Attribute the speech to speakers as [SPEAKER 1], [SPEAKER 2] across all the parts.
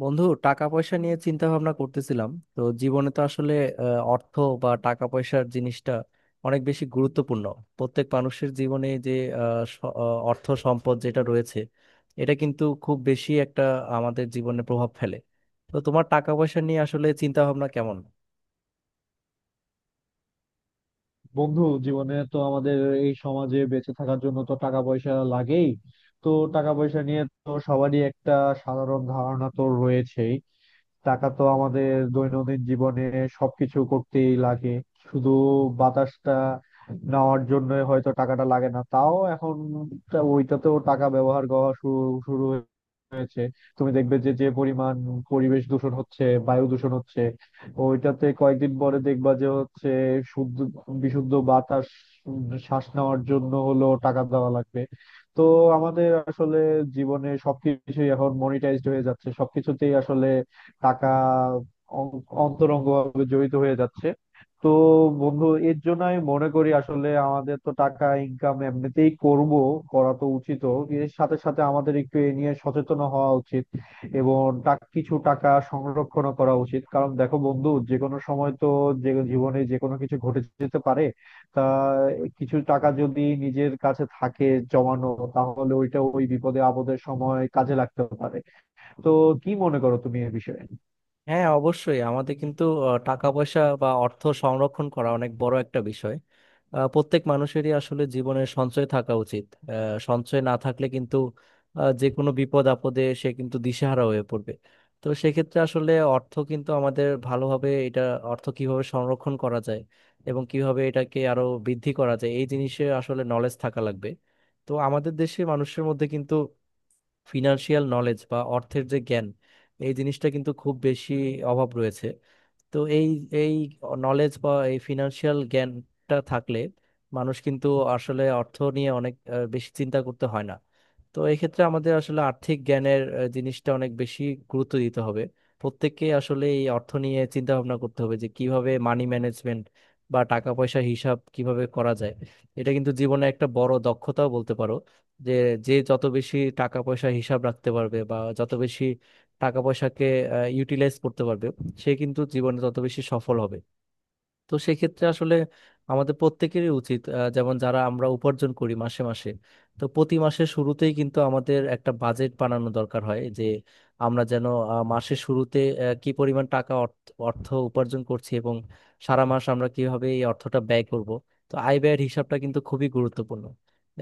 [SPEAKER 1] বন্ধু, টাকা পয়সা নিয়ে চিন্তা ভাবনা করতেছিলাম। তো জীবনে তো আসলে অর্থ বা টাকা পয়সার জিনিসটা অনেক বেশি গুরুত্বপূর্ণ প্রত্যেক মানুষের জীবনে। যে অর্থ সম্পদ যেটা রয়েছে, এটা কিন্তু খুব বেশি একটা আমাদের জীবনে প্রভাব ফেলে। তো তোমার টাকা পয়সা নিয়ে আসলে চিন্তা ভাবনা কেমন?
[SPEAKER 2] বন্ধু, জীবনে তো আমাদের এই সমাজে বেঁচে থাকার জন্য তো টাকা পয়সা লাগেই। তো টাকা পয়সা নিয়ে তো সবারই একটা সাধারণ ধারণা তো রয়েছেই। টাকা তো আমাদের দৈনন্দিন জীবনে সবকিছু করতেই লাগে। শুধু বাতাসটা নেওয়ার জন্য হয়তো টাকাটা লাগে না, তাও এখন তা ওইটাতেও টাকা ব্যবহার করা শুরু শুরু হয়েছে। তুমি দেখবে যে যে পরিমাণ পরিবেশ দূষণ হচ্ছে, বায়ু দূষণ হচ্ছে, ওইটাতে কয়েকদিন পরে দেখবা যে হচ্ছে শুদ্ধ বিশুদ্ধ বাতাস। উম, শ্বাস নেওয়ার জন্য হলো টাকা দেওয়া লাগবে। তো আমাদের আসলে জীবনে সবকিছুই এখন মনিটাইজড হয়ে যাচ্ছে, সবকিছুতেই আসলে টাকা অন্তরঙ্গভাবে জড়িত হয়ে যাচ্ছে। তো বন্ধু, এর জন্য আমি মনে করি আসলে আমাদের তো টাকা ইনকাম এমনিতেই করব, করা তো উচিত। এর সাথে সাথে আমাদের একটু এ নিয়ে সচেতন হওয়া উচিত এবং কিছু টাকা সংরক্ষণ করা উচিত, কারণ দেখো বন্ধু, যে কোনো সময় তো যে জীবনে যে কোনো কিছু ঘটে যেতে পারে। তা কিছু টাকা যদি নিজের কাছে থাকে জমানো, তাহলে ওইটা ওই বিপদে আপদের সময় কাজে লাগতে পারে। তো কি মনে করো তুমি এ বিষয়ে?
[SPEAKER 1] হ্যাঁ, অবশ্যই আমাদের কিন্তু টাকা পয়সা বা অর্থ সংরক্ষণ করা অনেক বড় একটা বিষয়। প্রত্যেক মানুষেরই আসলে জীবনে সঞ্চয় থাকা উচিত। আহ, সঞ্চয় না থাকলে কিন্তু যে কোনো বিপদ আপদে সে কিন্তু দিশেহারা হয়ে পড়বে। তো সেক্ষেত্রে আসলে অর্থ কিন্তু আমাদের ভালোভাবে, এটা অর্থ কিভাবে সংরক্ষণ করা যায় এবং কিভাবে এটাকে আরো বৃদ্ধি করা যায়, এই জিনিসে আসলে নলেজ থাকা লাগবে। তো আমাদের দেশে মানুষের মধ্যে কিন্তু ফিনান্সিয়াল নলেজ বা অর্থের যে জ্ঞান, এই জিনিসটা কিন্তু খুব বেশি অভাব রয়েছে। তো এই এই নলেজ বা এই ফিনান্সিয়াল জ্ঞানটা থাকলে মানুষ কিন্তু আসলে অর্থ নিয়ে অনেক বেশি চিন্তা করতে হয় না। তো এই ক্ষেত্রে আমাদের আসলে আর্থিক জ্ঞানের জিনিসটা অনেক বেশি গুরুত্ব দিতে হবে। প্রত্যেককে আসলে এই অর্থ নিয়ে চিন্তা ভাবনা করতে হবে যে কিভাবে মানি ম্যানেজমেন্ট বা টাকা পয়সা হিসাব কিভাবে করা যায়। এটা কিন্তু জীবনে একটা বড় দক্ষতাও বলতে পারো। যে যে যত বেশি টাকা পয়সা হিসাব রাখতে পারবে বা যত বেশি টাকা পয়সাকে ইউটিলাইজ করতে পারবে, সে কিন্তু জীবনে তত বেশি সফল হবে। তো সেক্ষেত্রে আসলে আমাদের প্রত্যেকেরই উচিত, যেমন যারা আমরা উপার্জন করি মাসে মাসে, তো প্রতি মাসের শুরুতেই কিন্তু আমাদের একটা বাজেট বানানো দরকার হয়। যে আমরা যেন মাসের শুরুতে কি পরিমাণ টাকা অর্থ অর্থ উপার্জন করছি এবং সারা মাস আমরা কিভাবে এই অর্থটা ব্যয় করব। তো আয় ব্যয়ের হিসাবটা কিন্তু খুবই গুরুত্বপূর্ণ।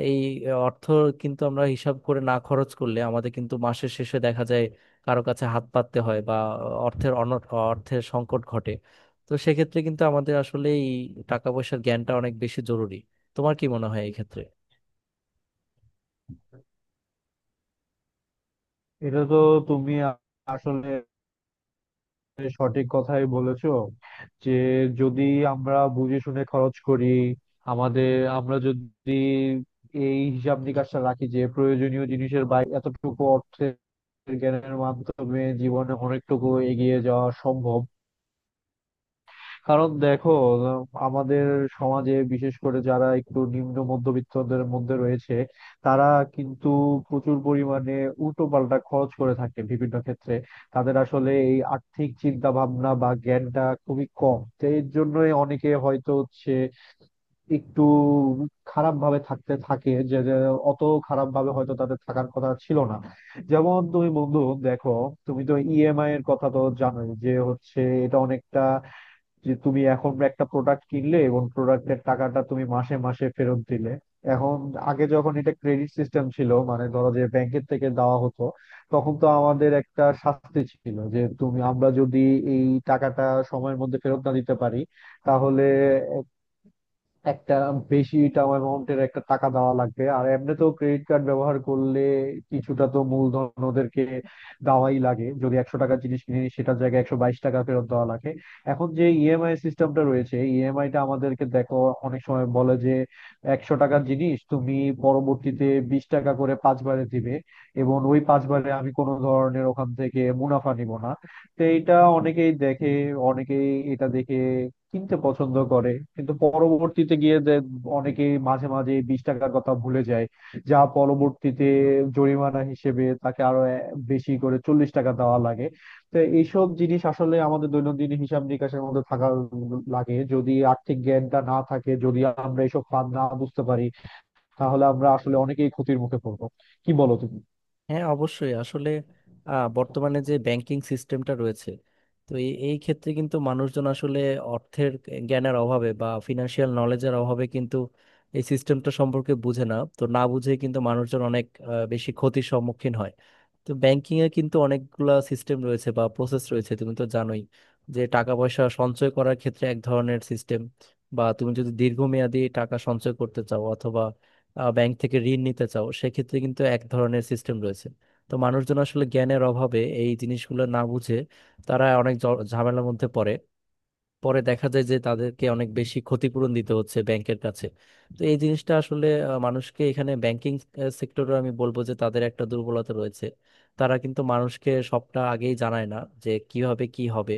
[SPEAKER 1] এই অর্থ কিন্তু আমরা হিসাব করে না খরচ করলে আমাদের কিন্তু মাসের শেষে দেখা যায় কারো কাছে হাত পাততে হয়, বা অর্থের অর্থের সংকট ঘটে। তো সেক্ষেত্রে কিন্তু আমাদের আসলে এই টাকা পয়সার জ্ঞানটা অনেক বেশি জরুরি। তোমার কি মনে হয় এই ক্ষেত্রে?
[SPEAKER 2] এটা তো তুমি আ- আসলে সঠিক কথাই বলেছো, যে যদি আমরা বুঝে শুনে খরচ করি, আমাদের, আমরা যদি এই হিসাব নিকাশটা রাখি যে প্রয়োজনীয় জিনিসের বাইরে এতটুকু অর্থের জ্ঞানের মাধ্যমে জীবনে অনেকটুকু এগিয়ে যাওয়া সম্ভব। কারণ দেখো, আমাদের সমাজে বিশেষ করে যারা একটু নিম্ন মধ্যবিত্তদের মধ্যে রয়েছে, তারা কিন্তু প্রচুর পরিমাণে উল্টো পাল্টা খরচ করে থাকে বিভিন্ন ক্ষেত্রে। তাদের আসলে এই আর্থিক চিন্তা ভাবনা বা জ্ঞানটা খুবই কম, তো এর জন্যই অনেকে হয়তো হচ্ছে একটু খারাপ ভাবে থাকতে থাকে, যে যে অত খারাপ ভাবে হয়তো তাদের থাকার কথা ছিল না। যেমন তুমি বন্ধু দেখো, তুমি তো ইএমআই এর কথা তো জানোই, যে হচ্ছে এটা অনেকটা যে তুমি এখন একটা প্রোডাক্ট কিনলে এবং প্রোডাক্টের টাকাটা তুমি মাসে মাসে ফেরত দিলে। এখন আগে যখন এটা ক্রেডিট সিস্টেম ছিল, মানে ধরো যে ব্যাংকের থেকে দেওয়া হতো, তখন তো আমাদের একটা শাস্তি ছিল যে তুমি আমরা যদি এই টাকাটা সময়ের মধ্যে ফেরত না দিতে পারি, তাহলে একটা বেশি টার্ম অ্যামাউন্টের একটা টাকা দেওয়া লাগবে। আর এমনিতেও ক্রেডিট কার্ড ব্যবহার করলে কিছুটা তো মূলধন ওদেরকে দেওয়াই লাগে, যদি 100 টাকার জিনিস কিনি সেটার জায়গায় 122 টাকা ফেরত দেওয়া লাগে। এখন যে ইএমআই সিস্টেমটা রয়েছে, ইএমআই টা আমাদেরকে দেখো অনেক সময় বলে যে 100 টাকার জিনিস তুমি পরবর্তীতে 20 টাকা করে পাঁচবারে দিবে, এবং ওই পাঁচবারে আমি কোনো ধরনের ওখান থেকে মুনাফা নিব না। তো এটা অনেকেই দেখে, অনেকেই এটা দেখে কিনতে পছন্দ করে। কিন্তু পরবর্তীতে গিয়ে যে অনেকে মাঝে মাঝে 20 টাকার কথা ভুলে যায়, যা পরবর্তীতে জরিমানা হিসেবে তাকে আরো বেশি করে 40 টাকা দেওয়া লাগে। তো এইসব জিনিস আসলে আমাদের দৈনন্দিন হিসাব নিকাশের মধ্যে থাকা লাগে, যদি আর্থিক জ্ঞানটা না থাকে, যদি আমরা এইসব ফাঁদ না বুঝতে পারি, তাহলে আমরা আসলে অনেকেই ক্ষতির মুখে পড়বো। কি বলো তুমি?
[SPEAKER 1] হ্যাঁ, অবশ্যই আসলে বর্তমানে যে ব্যাংকিং সিস্টেমটা রয়েছে, তো এই এই ক্ষেত্রে কিন্তু মানুষজন আসলে অর্থের জ্ঞানের অভাবে বা ফিনান্সিয়াল নলেজের অভাবে কিন্তু এই সিস্টেমটা সম্পর্কে বুঝে না। তো না বুঝে কিন্তু মানুষজন অনেক বেশি ক্ষতির সম্মুখীন হয়। তো ব্যাংকিং এ কিন্তু অনেকগুলা সিস্টেম রয়েছে বা প্রসেস রয়েছে, তুমি তো জানোই। যে টাকা পয়সা সঞ্চয় করার ক্ষেত্রে এক ধরনের সিস্টেম, বা তুমি যদি দীর্ঘমেয়াদী টাকা সঞ্চয় করতে চাও অথবা ব্যাংক থেকে ঋণ নিতে চাও সেক্ষেত্রে কিন্তু এক ধরনের সিস্টেম রয়েছে। তো মানুষজন আসলে জ্ঞানের অভাবে এই জিনিসগুলো না বুঝে তারা অনেক ঝামেলার মধ্যে পড়ে। পরে দেখা যায় যে তাদেরকে অনেক বেশি ক্ষতিপূরণ দিতে হচ্ছে ব্যাংকের কাছে। তো এই জিনিসটা আসলে মানুষকে, এখানে ব্যাংকিং সেক্টরে আমি বলবো যে তাদের একটা দুর্বলতা রয়েছে। তারা কিন্তু মানুষকে সবটা আগেই জানায় না যে কিভাবে কি হবে।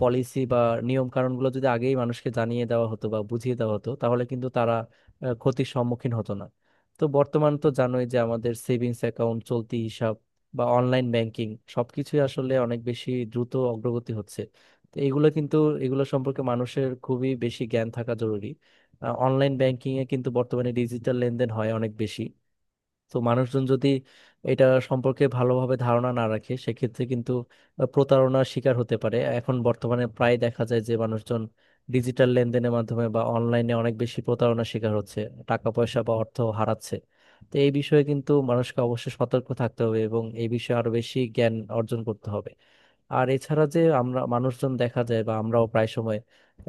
[SPEAKER 1] পলিসি বা নিয়ম কানুনগুলো যদি আগেই মানুষকে জানিয়ে দেওয়া হতো বা বুঝিয়ে দেওয়া হতো তাহলে কিন্তু তারা ক্ষতির সম্মুখীন হতো না। তো বর্তমান তো জানোই যে আমাদের সেভিংস অ্যাকাউন্ট, চলতি হিসাব বা অনলাইন ব্যাংকিং, সবকিছুই আসলে অনেক বেশি দ্রুত অগ্রগতি হচ্ছে। তো এগুলো সম্পর্কে মানুষের খুবই বেশি জ্ঞান থাকা জরুরি। অনলাইন ব্যাংকিং এ কিন্তু বর্তমানে ডিজিটাল লেনদেন হয় অনেক বেশি। তো মানুষজন যদি এটা সম্পর্কে ভালোভাবে ধারণা না রাখে সেক্ষেত্রে কিন্তু প্রতারণার শিকার হতে পারে। এখন বর্তমানে প্রায় দেখা যায় যে মানুষজন ডিজিটাল লেনদেনের মাধ্যমে বা অনলাইনে অনেক বেশি প্রতারণার শিকার হচ্ছে, টাকা পয়সা বা অর্থ হারাচ্ছে। তো এই বিষয়ে কিন্তু মানুষকে অবশ্যই সতর্ক থাকতে হবে এবং এই বিষয়ে আরো বেশি জ্ঞান অর্জন করতে হবে। আর এছাড়া, যে আমরা মানুষজন দেখা যায় বা আমরাও প্রায় সময়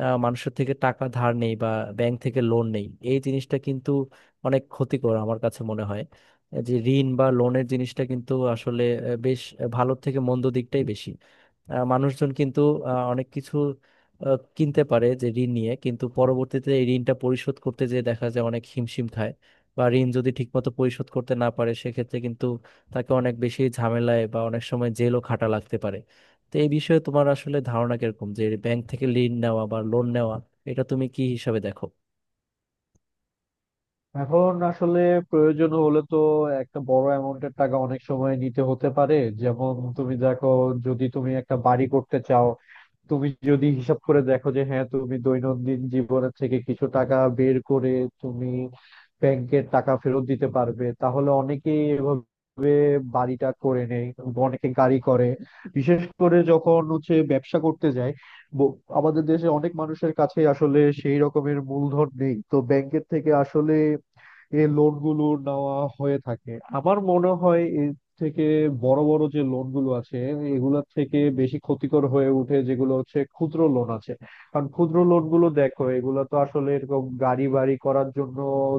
[SPEAKER 1] মানুষের থেকে টাকা ধার নেই বা ব্যাংক থেকে লোন নেই, এই জিনিসটা কিন্তু অনেক ক্ষতিকর আমার কাছে মনে হয়। যে ঋণ বা লোনের জিনিসটা কিন্তু আসলে বেশ ভালোর থেকে মন্দ দিকটাই বেশি। মানুষজন কিন্তু অনেক কিছু কিনতে পারে যে ঋণ নিয়ে, কিন্তু পরবর্তীতে এই ঋণটা পরিশোধ করতে যেয়ে দেখা যায় অনেক হিমশিম খায়। বা ঋণ যদি ঠিকমতো পরিশোধ করতে না পারে সেক্ষেত্রে কিন্তু তাকে অনেক বেশি ঝামেলায় বা অনেক সময় জেলও খাটা লাগতে পারে। তো এই বিষয়ে তোমার আসলে ধারণা কিরকম যে ব্যাংক থেকে ঋণ নেওয়া বা লোন নেওয়া, এটা তুমি কি হিসাবে দেখো?
[SPEAKER 2] এখন আসলে প্রয়োজন হলে তো একটা বড় অ্যামাউন্টের টাকা অনেক সময় নিতে হতে পারে। যেমন তুমি দেখো, যদি তুমি একটা বাড়ি করতে চাও, তুমি যদি হিসাব করে দেখো যে হ্যাঁ তুমি দৈনন্দিন জীবনের থেকে কিছু টাকা বের করে তুমি ব্যাংকের টাকা ফেরত দিতে পারবে, তাহলে অনেকেই এভাবে বাড়িটা করে নেয়। অনেকে গাড়ি করে, বিশেষ করে যখন হচ্ছে ব্যবসা করতে যায়। আমাদের দেশে অনেক মানুষের কাছে আসলে সেই রকমের মূলধন নেই, তো ব্যাংকের থেকে আসলে এই লোন গুলো নেওয়া হয়ে থাকে। আমার মনে হয় এর থেকে বড় বড় যে লোন গুলো আছে, এগুলোর থেকে বেশি ক্ষতিকর হয়ে উঠে যেগুলো হচ্ছে ক্ষুদ্র লোন আছে। কারণ ক্ষুদ্র লোন গুলো দেখো, এগুলো তো আসলে এরকম গাড়ি বাড়ি করার জন্য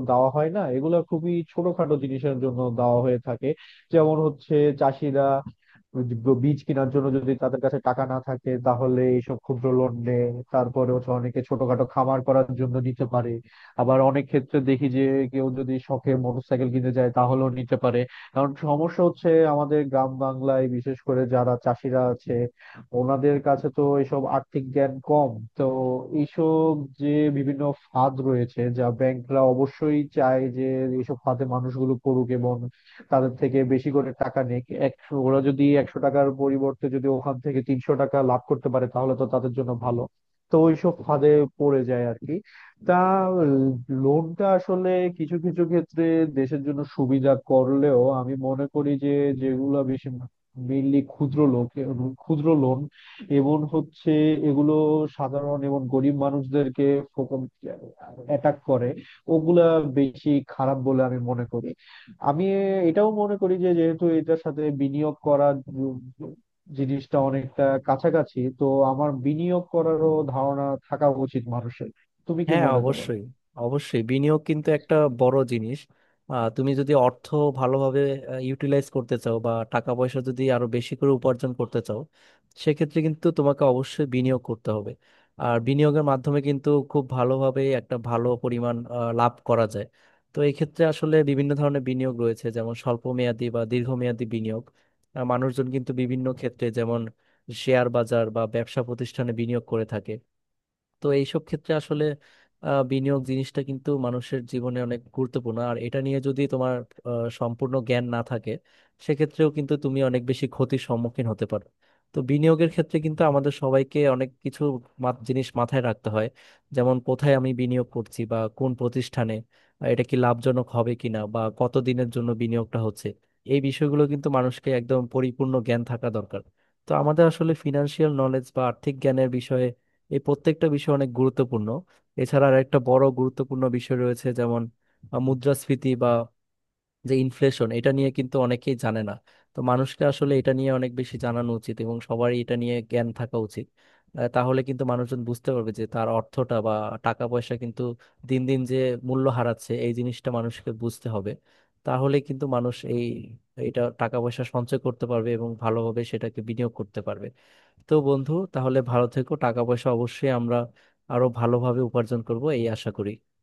[SPEAKER 2] দেওয়া হয় না, এগুলো খুবই ছোটখাটো জিনিসের জন্য দেওয়া হয়ে থাকে। যেমন হচ্ছে চাষিরা বীজ কেনার জন্য যদি তাদের কাছে টাকা না থাকে তাহলে এইসব ক্ষুদ্র লোন নেয়। তারপরে হচ্ছে অনেকে ছোটখাটো খামার করার জন্য নিতে পারে। আবার অনেক ক্ষেত্রে দেখি যে কেউ যদি শখে মোটরসাইকেল কিনতে চায় তাহলেও নিতে পারে। কারণ সমস্যা হচ্ছে আমাদের গ্রাম বাংলায় বিশেষ করে যারা চাষিরা আছে, ওনাদের কাছে তো এইসব আর্থিক জ্ঞান কম। তো এইসব যে বিভিন্ন ফাঁদ রয়েছে, যা ব্যাংকরা অবশ্যই চায় যে এইসব ফাঁদে মানুষগুলো পড়ুক এবং তাদের থেকে বেশি করে টাকা নিক। ওরা যদি 100 টাকার পরিবর্তে যদি ওখান থেকে 300 টাকা লাভ করতে পারে তাহলে তো তাদের জন্য ভালো। তো ওইসব ফাঁদে পড়ে যায় আর কি। তা লোনটা আসলে কিছু কিছু ক্ষেত্রে দেশের জন্য সুবিধা করলেও আমি মনে করি যে যেগুলো বেশি মেইনলি ক্ষুদ্র লোন এবং হচ্ছে এগুলো সাধারণ এবং গরিব মানুষদেরকে অ্যাটাক করে, ওগুলা বেশি খারাপ বলে আমি মনে করি। আমি এটাও মনে করি যে যেহেতু এটার সাথে বিনিয়োগ করার জিনিসটা অনেকটা কাছাকাছি, তো আমার বিনিয়োগ করারও ধারণা থাকা উচিত মানুষের। তুমি কি
[SPEAKER 1] হ্যাঁ,
[SPEAKER 2] মনে করো?
[SPEAKER 1] অবশ্যই। অবশ্যই বিনিয়োগ কিন্তু একটা বড় জিনিস। তুমি যদি অর্থ ভালোভাবে ইউটিলাইজ করতে চাও বা টাকা পয়সা যদি আরো বেশি করে উপার্জন করতে চাও সেক্ষেত্রে কিন্তু তোমাকে অবশ্যই বিনিয়োগ করতে হবে। আর বিনিয়োগের মাধ্যমে কিন্তু খুব ভালোভাবে একটা ভালো পরিমাণ লাভ করা যায়। তো এই ক্ষেত্রে আসলে বিভিন্ন ধরনের বিনিয়োগ রয়েছে, যেমন স্বল্প মেয়াদী বা দীর্ঘমেয়াদী বিনিয়োগ। মানুষজন কিন্তু বিভিন্ন ক্ষেত্রে, যেমন শেয়ার বাজার বা ব্যবসা প্রতিষ্ঠানে বিনিয়োগ করে থাকে। তো এইসব ক্ষেত্রে আসলে বিনিয়োগ জিনিসটা কিন্তু মানুষের জীবনে অনেক গুরুত্বপূর্ণ। আর এটা নিয়ে যদি তোমার সম্পূর্ণ জ্ঞান না থাকে সেক্ষেত্রেও কিন্তু তুমি অনেক বেশি ক্ষতির সম্মুখীন হতে পারো। তো বিনিয়োগের ক্ষেত্রে কিন্তু আমাদের সবাইকে অনেক কিছু জিনিস মাথায় রাখতে হয়। যেমন কোথায় আমি বিনিয়োগ করছি বা কোন প্রতিষ্ঠানে, এটা কি লাভজনক হবে কিনা বা কত দিনের জন্য বিনিয়োগটা হচ্ছে, এই বিষয়গুলো কিন্তু মানুষকে একদম পরিপূর্ণ জ্ঞান থাকা দরকার। তো আমাদের আসলে ফিনান্সিয়াল নলেজ বা আর্থিক জ্ঞানের বিষয়ে এই প্রত্যেকটা বিষয় অনেক গুরুত্বপূর্ণ। এছাড়া আর একটা বড় গুরুত্বপূর্ণ বিষয় রয়েছে, যেমন মুদ্রাস্ফীতি বা যে ইনফ্লেশন, এটা নিয়ে কিন্তু অনেকেই জানে না। তো মানুষকে আসলে এটা নিয়ে অনেক বেশি জানানো উচিত এবং সবারই এটা নিয়ে জ্ঞান থাকা উচিত। তাহলে কিন্তু মানুষজন বুঝতে পারবে যে তার অর্থটা বা টাকা পয়সা কিন্তু দিন দিন যে মূল্য হারাচ্ছে, এই জিনিসটা মানুষকে বুঝতে হবে। তাহলে কিন্তু মানুষ এই টাকা পয়সা সঞ্চয় করতে পারবে এবং ভালোভাবে সেটাকে বিনিয়োগ করতে পারবে। তো বন্ধু, তাহলে ভালো থেকো। টাকা পয়সা অবশ্যই আমরা আরো ভালোভাবে উপার্জন করব এই আশা করি।